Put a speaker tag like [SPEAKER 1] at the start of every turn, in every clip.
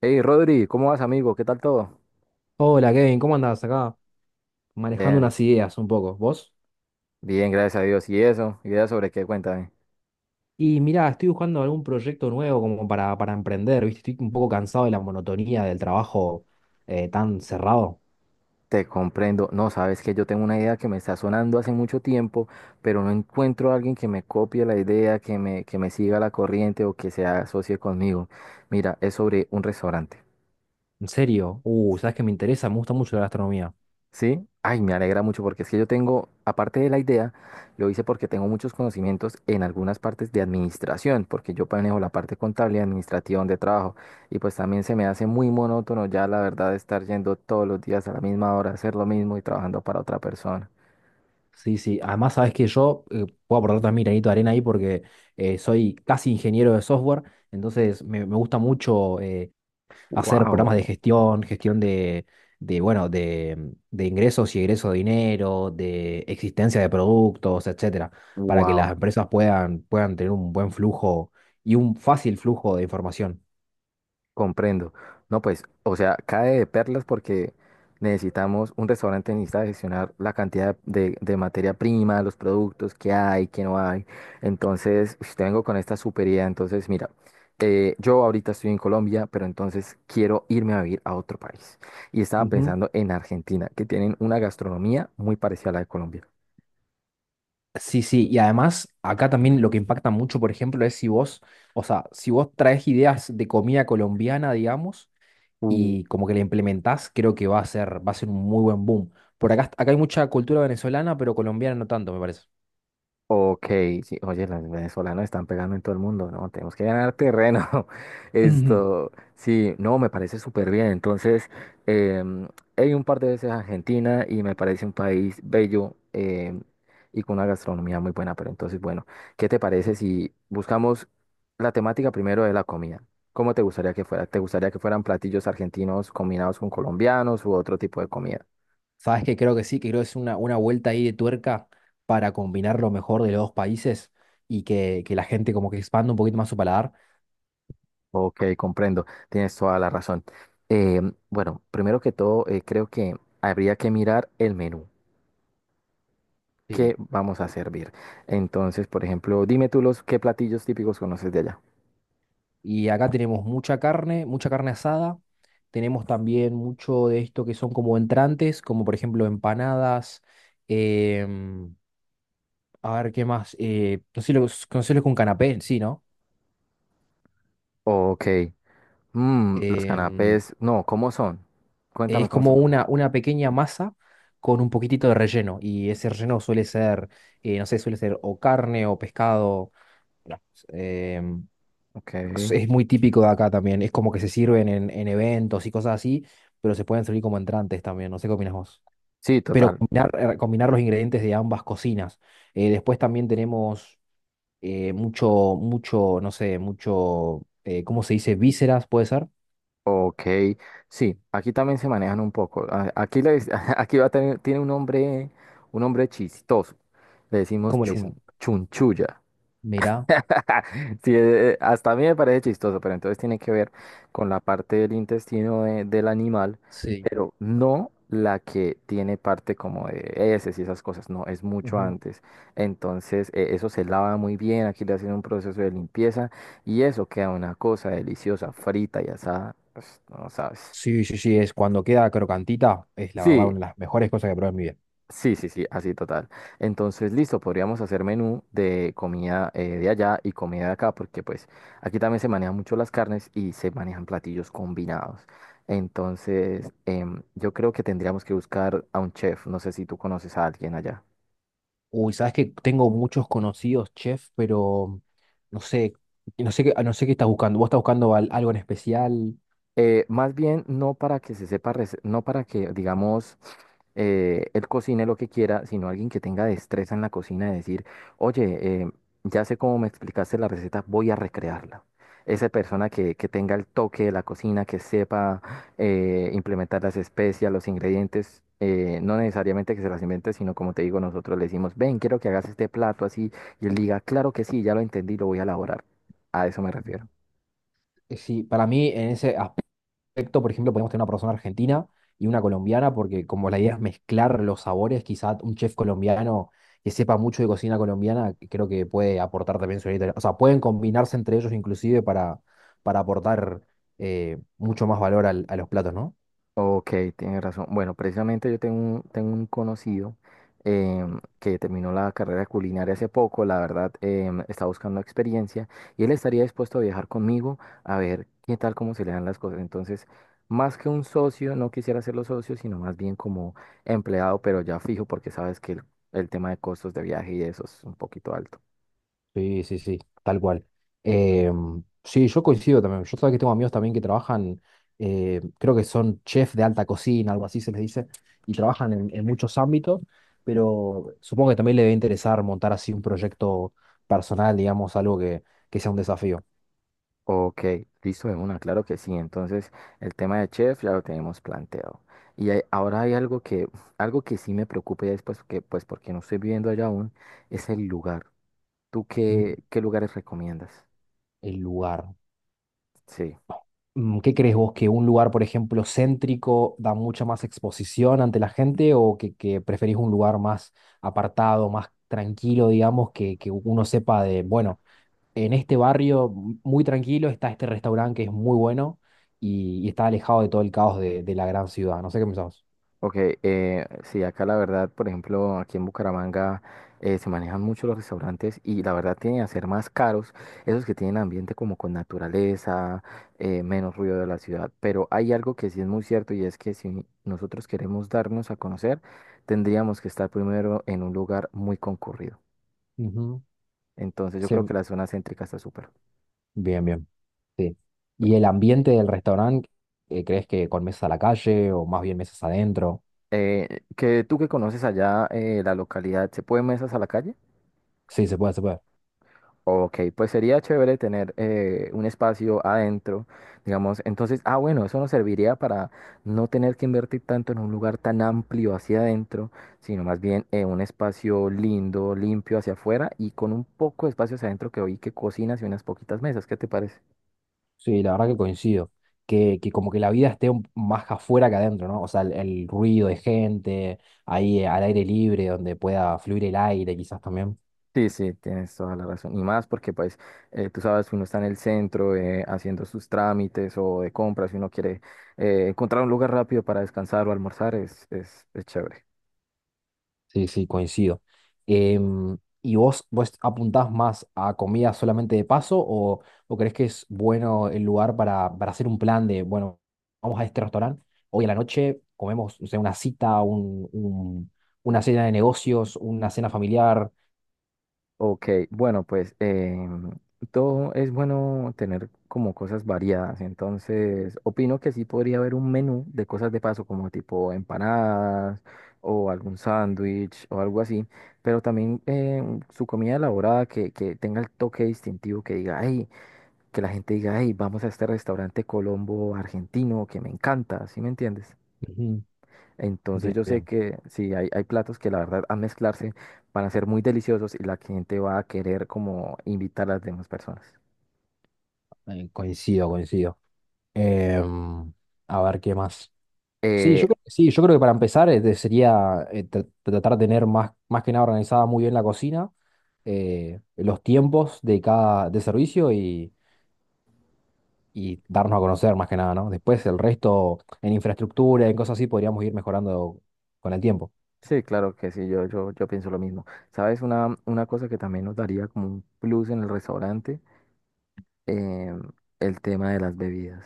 [SPEAKER 1] Hey Rodri, ¿cómo vas amigo? ¿Qué tal todo?
[SPEAKER 2] Hola Kevin, ¿cómo andás acá? Manejando
[SPEAKER 1] Bien,
[SPEAKER 2] unas ideas un poco, ¿vos?
[SPEAKER 1] bien, gracias a Dios. ¿Y eso? ¿Idea sobre qué? Cuéntame.
[SPEAKER 2] Y mirá, estoy buscando algún proyecto nuevo como para emprender, ¿viste? Estoy un poco cansado de la monotonía del trabajo tan cerrado.
[SPEAKER 1] Te comprendo. No, sabes que yo tengo una idea que me está sonando hace mucho tiempo, pero no encuentro a alguien que me copie la idea, que me siga la corriente o que se asocie conmigo. Mira, es sobre un restaurante.
[SPEAKER 2] En serio, sabes que me interesa, me gusta mucho la gastronomía.
[SPEAKER 1] Sí, ay, me alegra mucho porque es que yo tengo, aparte de la idea, lo hice porque tengo muchos conocimientos en algunas partes de administración, porque yo manejo la parte contable y administrativa de trabajo, y pues también se me hace muy monótono ya la verdad estar yendo todos los días a la misma hora, a hacer lo mismo y trabajando para otra persona.
[SPEAKER 2] Sí, sí. Además, sabes que yo puedo aportar también mi granito de arena ahí porque soy casi ingeniero de software, entonces me gusta mucho hacer programas de
[SPEAKER 1] Wow,
[SPEAKER 2] gestión, gestión de, bueno, de ingresos y egresos de dinero, de existencia de productos, etcétera, para que las
[SPEAKER 1] wow.
[SPEAKER 2] empresas puedan tener un buen flujo y un fácil flujo de información.
[SPEAKER 1] Comprendo. No, pues, o sea, cae de perlas porque necesitamos, un restaurante necesita gestionar la cantidad de materia prima, los productos que hay, que no hay. Entonces, ush, te vengo con esta super idea. Entonces, mira, yo ahorita estoy en Colombia, pero entonces quiero irme a vivir a otro país. Y estaba pensando en Argentina, que tienen una gastronomía muy parecida a la de Colombia.
[SPEAKER 2] Sí, sí, y además acá también lo que impacta mucho, por ejemplo, es si vos, o sea, si vos traes ideas de comida colombiana, digamos, y como que la implementás, creo que va a ser un muy buen boom. Por acá, acá hay mucha cultura venezolana, pero colombiana no tanto, me parece.
[SPEAKER 1] Ok, sí, oye, los venezolanos están pegando en todo el mundo, ¿no? Tenemos que ganar terreno.
[SPEAKER 2] Ujú.
[SPEAKER 1] Esto, sí, no, me parece súper bien. Entonces, em, he ido un par de veces a Argentina y me parece un país bello y con una gastronomía muy buena. Pero entonces, bueno, ¿qué te parece si buscamos la temática primero de la comida? ¿Cómo te gustaría que fuera? ¿Te gustaría que fueran platillos argentinos combinados con colombianos u otro tipo de comida?
[SPEAKER 2] ¿Sabes que creo que sí, que creo que es una vuelta ahí de tuerca para combinar lo mejor de los dos países y que la gente como que expanda un poquito más su paladar?
[SPEAKER 1] Ok, comprendo, tienes toda la razón. Eh, bueno, primero que todo, creo que habría que mirar el menú.
[SPEAKER 2] Sí.
[SPEAKER 1] ¿Qué vamos a servir? Entonces, por ejemplo, dime tú los qué platillos típicos conoces de allá.
[SPEAKER 2] Y acá tenemos mucha carne asada. Tenemos también mucho de esto que son como entrantes, como por ejemplo empanadas. em, a ver, ¿qué más? No sé lo, ¿conoces lo canapé, sí, no?
[SPEAKER 1] Ok, mm, los
[SPEAKER 2] Em,
[SPEAKER 1] canapés, no, ¿cómo son? Cuéntame
[SPEAKER 2] es
[SPEAKER 1] cómo se
[SPEAKER 2] como
[SPEAKER 1] preparan.
[SPEAKER 2] una pequeña masa con un poquitito de relleno. Y ese relleno suele ser, no sé, suele ser o carne o pescado. Claro. em,
[SPEAKER 1] Ok,
[SPEAKER 2] es muy típico de acá también. Es como que se sirven en eventos y cosas así, pero se pueden servir como entrantes también. No sé qué opinas vos.
[SPEAKER 1] sí,
[SPEAKER 2] Pero
[SPEAKER 1] total.
[SPEAKER 2] combinar, combinar los ingredientes de ambas cocinas. Después también tenemos mucho, mucho, no sé, mucho, ¿cómo se dice? Vísceras, ¿puede ser?
[SPEAKER 1] Ok, sí, aquí también se manejan un poco. Aquí, aquí va a tener, tiene un nombre chistoso. Le decimos
[SPEAKER 2] ¿Cómo le dicen?
[SPEAKER 1] chunchulla.
[SPEAKER 2] Mirá,
[SPEAKER 1] Sí, hasta a mí me parece chistoso, pero entonces tiene que ver con la parte del intestino del animal,
[SPEAKER 2] sí.
[SPEAKER 1] pero no la que tiene parte como de heces y esas cosas, no, es mucho
[SPEAKER 2] Ujú.
[SPEAKER 1] antes. Entonces, eso se lava muy bien, aquí le hacen un proceso de limpieza y eso queda una cosa deliciosa, frita y asada, pues, no sabes.
[SPEAKER 2] Sí, sí, sí, es cuando queda crocantita, es la verdad
[SPEAKER 1] Sí,
[SPEAKER 2] una de las mejores cosas que probé en mi vida.
[SPEAKER 1] sí, sí, sí, así total. Entonces, listo, podríamos hacer menú de comida de allá y comida de acá, porque pues aquí también se manejan mucho las carnes y se manejan platillos combinados. Entonces, yo creo que tendríamos que buscar a un chef. No sé si tú conoces a alguien allá.
[SPEAKER 2] Uy, sabes que tengo muchos conocidos chefs, pero no sé, no sé qué, ah, no sé qué estás buscando. ¿Vos estás buscando al- algo en especial?
[SPEAKER 1] Más bien, no para que se sepa, no para que, digamos, él cocine lo que quiera, sino alguien que tenga destreza en la cocina de decir, oye, ya sé cómo me explicaste la receta, voy a recrearla. Esa persona que tenga el toque de la cocina, que sepa implementar las especias, los ingredientes, no necesariamente que se las invente, sino como te digo, nosotros le decimos, ven, quiero que hagas este plato así, y él diga, claro que sí, ya lo entendí, lo voy a elaborar. A eso me refiero.
[SPEAKER 2] Ujú. Sí, para mí en ese, as- perfecto, por ejemplo, podemos tener una persona argentina y una colombiana, porque como la idea es mezclar los sabores, quizá un chef colombiano que sepa mucho de cocina colombiana, que creo que puede aportar también su granito de- O sea, pueden combinarse entre ellos inclusive para aportar mucho más valor al- a los platos, ¿no?
[SPEAKER 1] Ok, tienes razón. Bueno, precisamente yo tengo un conocido que terminó la carrera de culinaria hace poco, la verdad, está buscando experiencia y él estaría dispuesto a viajar conmigo a ver qué tal, cómo se le dan las cosas. Entonces, más que un socio, no quisiera serlo socio, sino más bien como empleado, pero ya fijo, porque sabes que el tema de costos de viaje y eso es un poquito alto.
[SPEAKER 2] Sí, sí, sí, tal cual. Em, sí, yo coincido también. Yo sabía que tengo amigos también que trabajan, creo que son chefs de alta cocina, algo así se les dice, y trabajan en muchos ámbitos, pero supongo que también le debe interesar montar así un proyecto personal, digamos, algo que sea un desafío.
[SPEAKER 1] Ok, listo de una, claro que sí. Entonces, el tema de chef ya lo tenemos planteado. Y ahora hay algo que sí me preocupa y es pues que, pues porque no estoy viviendo allá aún, es el lugar. ¿Tú
[SPEAKER 2] Mm.
[SPEAKER 1] qué lugares recomiendas?
[SPEAKER 2] El lugar.
[SPEAKER 1] Sí.
[SPEAKER 2] Mm, ¿qué crees vos? ¿Que un lugar, por ejemplo, céntrico da mucha más exposición ante la gente o que preferís un lugar más apartado, más tranquilo, digamos, que uno sepa de, bueno, en este barrio m- muy tranquilo está este restaurante que es muy bueno y está alejado de todo el caos de la gran ciudad? No sé qué pensás.
[SPEAKER 1] Ok, sí, acá la verdad, por ejemplo, aquí en Bucaramanga se manejan mucho los restaurantes y la verdad tienen a ser más caros esos que tienen ambiente como con naturaleza, menos ruido de la ciudad. Pero hay algo que sí es muy cierto y es que si nosotros queremos darnos a conocer, tendríamos que estar primero en un lugar muy concurrido.
[SPEAKER 2] Ujú.
[SPEAKER 1] Entonces yo
[SPEAKER 2] Sí,
[SPEAKER 1] creo que la zona céntrica está súper.
[SPEAKER 2] bien, bien. Sí. ¿Y el ambiente del restaurante, crees que con mesas a la calle o más bien mesas adentro?
[SPEAKER 1] Que tú que conoces allá la localidad, ¿se pueden mesas a la calle?
[SPEAKER 2] Sí, se puede, se puede.
[SPEAKER 1] Ok, pues sería chévere tener un espacio adentro, digamos. Entonces, ah, bueno, eso nos serviría para no tener que invertir tanto en un lugar tan amplio hacia adentro, sino más bien un espacio lindo, limpio hacia afuera y con un poco de espacio hacia adentro que oí que cocinas y unas poquitas mesas. ¿Qué te parece?
[SPEAKER 2] Sí, la verdad que coincido. Que como que la vida esté un- más afuera que adentro, ¿no? O sea, el ruido de gente, ahí al aire libre, donde pueda fluir el aire quizás también.
[SPEAKER 1] Sí, sí, tienes toda la razón. Y más porque, pues, tú sabes, uno está en el centro haciendo sus trámites o de compras, si uno quiere encontrar un lugar rápido para descansar o almorzar, es es chévere.
[SPEAKER 2] Sí, sí, coincido. Em, ¿y vos, vos apuntás más a comida solamente de paso o crees que es bueno el lugar para hacer un plan de, bueno, vamos a este restaurante, hoy a la noche comemos, no sé, una cita, un- una cena de negocios, una cena familiar?
[SPEAKER 1] Ok, bueno, pues todo es bueno tener como cosas variadas, entonces opino que sí podría haber un menú de cosas de paso como tipo empanadas o algún sándwich o algo así, pero también su comida elaborada que tenga el toque distintivo, que diga, ay, que la gente diga, ay, vamos a este restaurante Colombo argentino que me encanta, ¿sí me entiendes?
[SPEAKER 2] Ujú.
[SPEAKER 1] Entonces
[SPEAKER 2] Bien,
[SPEAKER 1] yo sé
[SPEAKER 2] bien,
[SPEAKER 1] que sí, hay platos que la verdad al mezclarse van a ser muy deliciosos y la gente va a querer como invitar a las demás personas.
[SPEAKER 2] coincido, coincido. Em, a ver qué más. Sí,
[SPEAKER 1] Eh,
[SPEAKER 2] yo creo que sí, yo creo que para empezar te sería tra- tratar de tener más, más que nada organizada muy bien la cocina, los tiempos de cada de servicio y darnos a conocer más que nada, ¿no? Después el resto en infraestructura, en cosas así, podríamos ir mejorando con el tiempo.
[SPEAKER 1] sí, claro que sí, yo pienso lo mismo. ¿Sabes? Una cosa que también nos daría como un plus en el restaurante, em, el tema de las bebidas.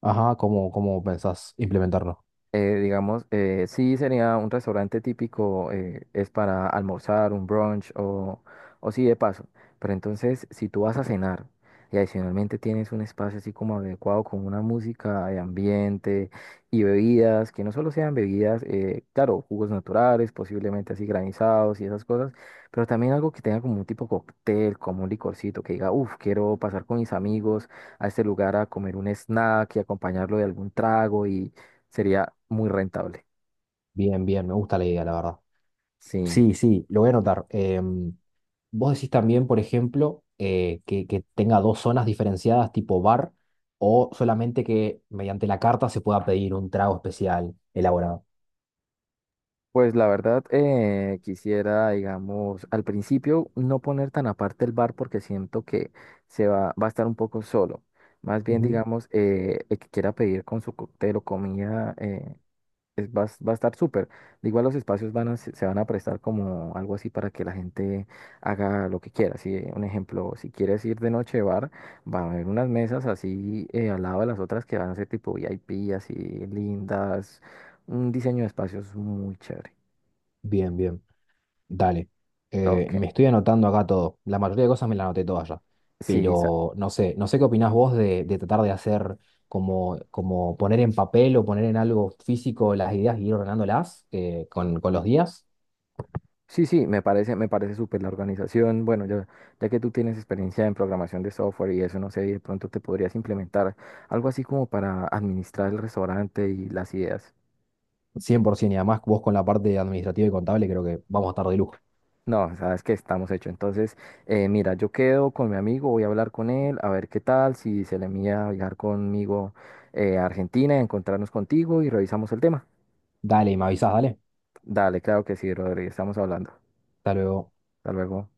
[SPEAKER 2] Ajá, ¿cómo, cómo pensás implementarlo?
[SPEAKER 1] Eh, digamos, sí sería un restaurante típico, es para almorzar, un brunch o sí de paso. Pero entonces, si tú vas a cenar y adicionalmente tienes un espacio así como adecuado con una música de ambiente y bebidas, que no solo sean bebidas, claro, jugos naturales, posiblemente así granizados y esas cosas, pero también algo que tenga como un tipo cóctel, como un licorcito, que diga, uff, quiero pasar con mis amigos a este lugar a comer un snack y acompañarlo de algún trago. Sería muy rentable.
[SPEAKER 2] Bien, bien, me gusta la idea, la verdad.
[SPEAKER 1] Sí.
[SPEAKER 2] Sí, sí, lo voy a anotar. Em, vos decís también, por ejemplo, que tenga dos zonas diferenciadas tipo bar o solamente que mediante la carta se pueda pedir un trago especial elaborado.
[SPEAKER 1] Pues la verdad, quisiera, digamos, al principio no poner tan aparte el bar porque siento que va a estar un poco solo. Más bien,
[SPEAKER 2] Ujú.
[SPEAKER 1] digamos, el que quiera pedir con su cóctel o comida, va a estar súper. De igual los espacios van a, se van a prestar como algo así para que la gente haga lo que quiera. Si, un ejemplo, si quieres ir de noche de bar, va a haber unas mesas así al lado de las otras que van a ser tipo VIP, así lindas. Un diseño de espacios muy chévere.
[SPEAKER 2] Bien, bien. Dale.
[SPEAKER 1] Ok.
[SPEAKER 2] Me estoy anotando acá todo. La mayoría de cosas me las anoté todas ya.
[SPEAKER 1] Sí,
[SPEAKER 2] Pero no sé, no sé qué opinás vos de tratar de hacer como, como poner en papel o poner en algo físico las ideas y ir ordenándolas con los días.
[SPEAKER 1] sí, sí, me parece súper la organización. Bueno, ya que tú tienes experiencia en programación de software y eso, no sé, de pronto te podrías implementar algo así como para administrar el restaurante y las ideas.
[SPEAKER 2] 100%, y además vos con la parte administrativa y contable creo que vamos a estar de lujo.
[SPEAKER 1] No, sabes que estamos hechos. Entonces, mira, yo quedo con mi amigo, voy a hablar con él, a ver qué tal, si se le mía viajar conmigo a Argentina, encontrarnos contigo y revisamos el tema.
[SPEAKER 2] Dale, y me avisás, dale.
[SPEAKER 1] Dale, claro que sí, Rodri, estamos hablando.
[SPEAKER 2] Hasta luego.
[SPEAKER 1] Hasta luego.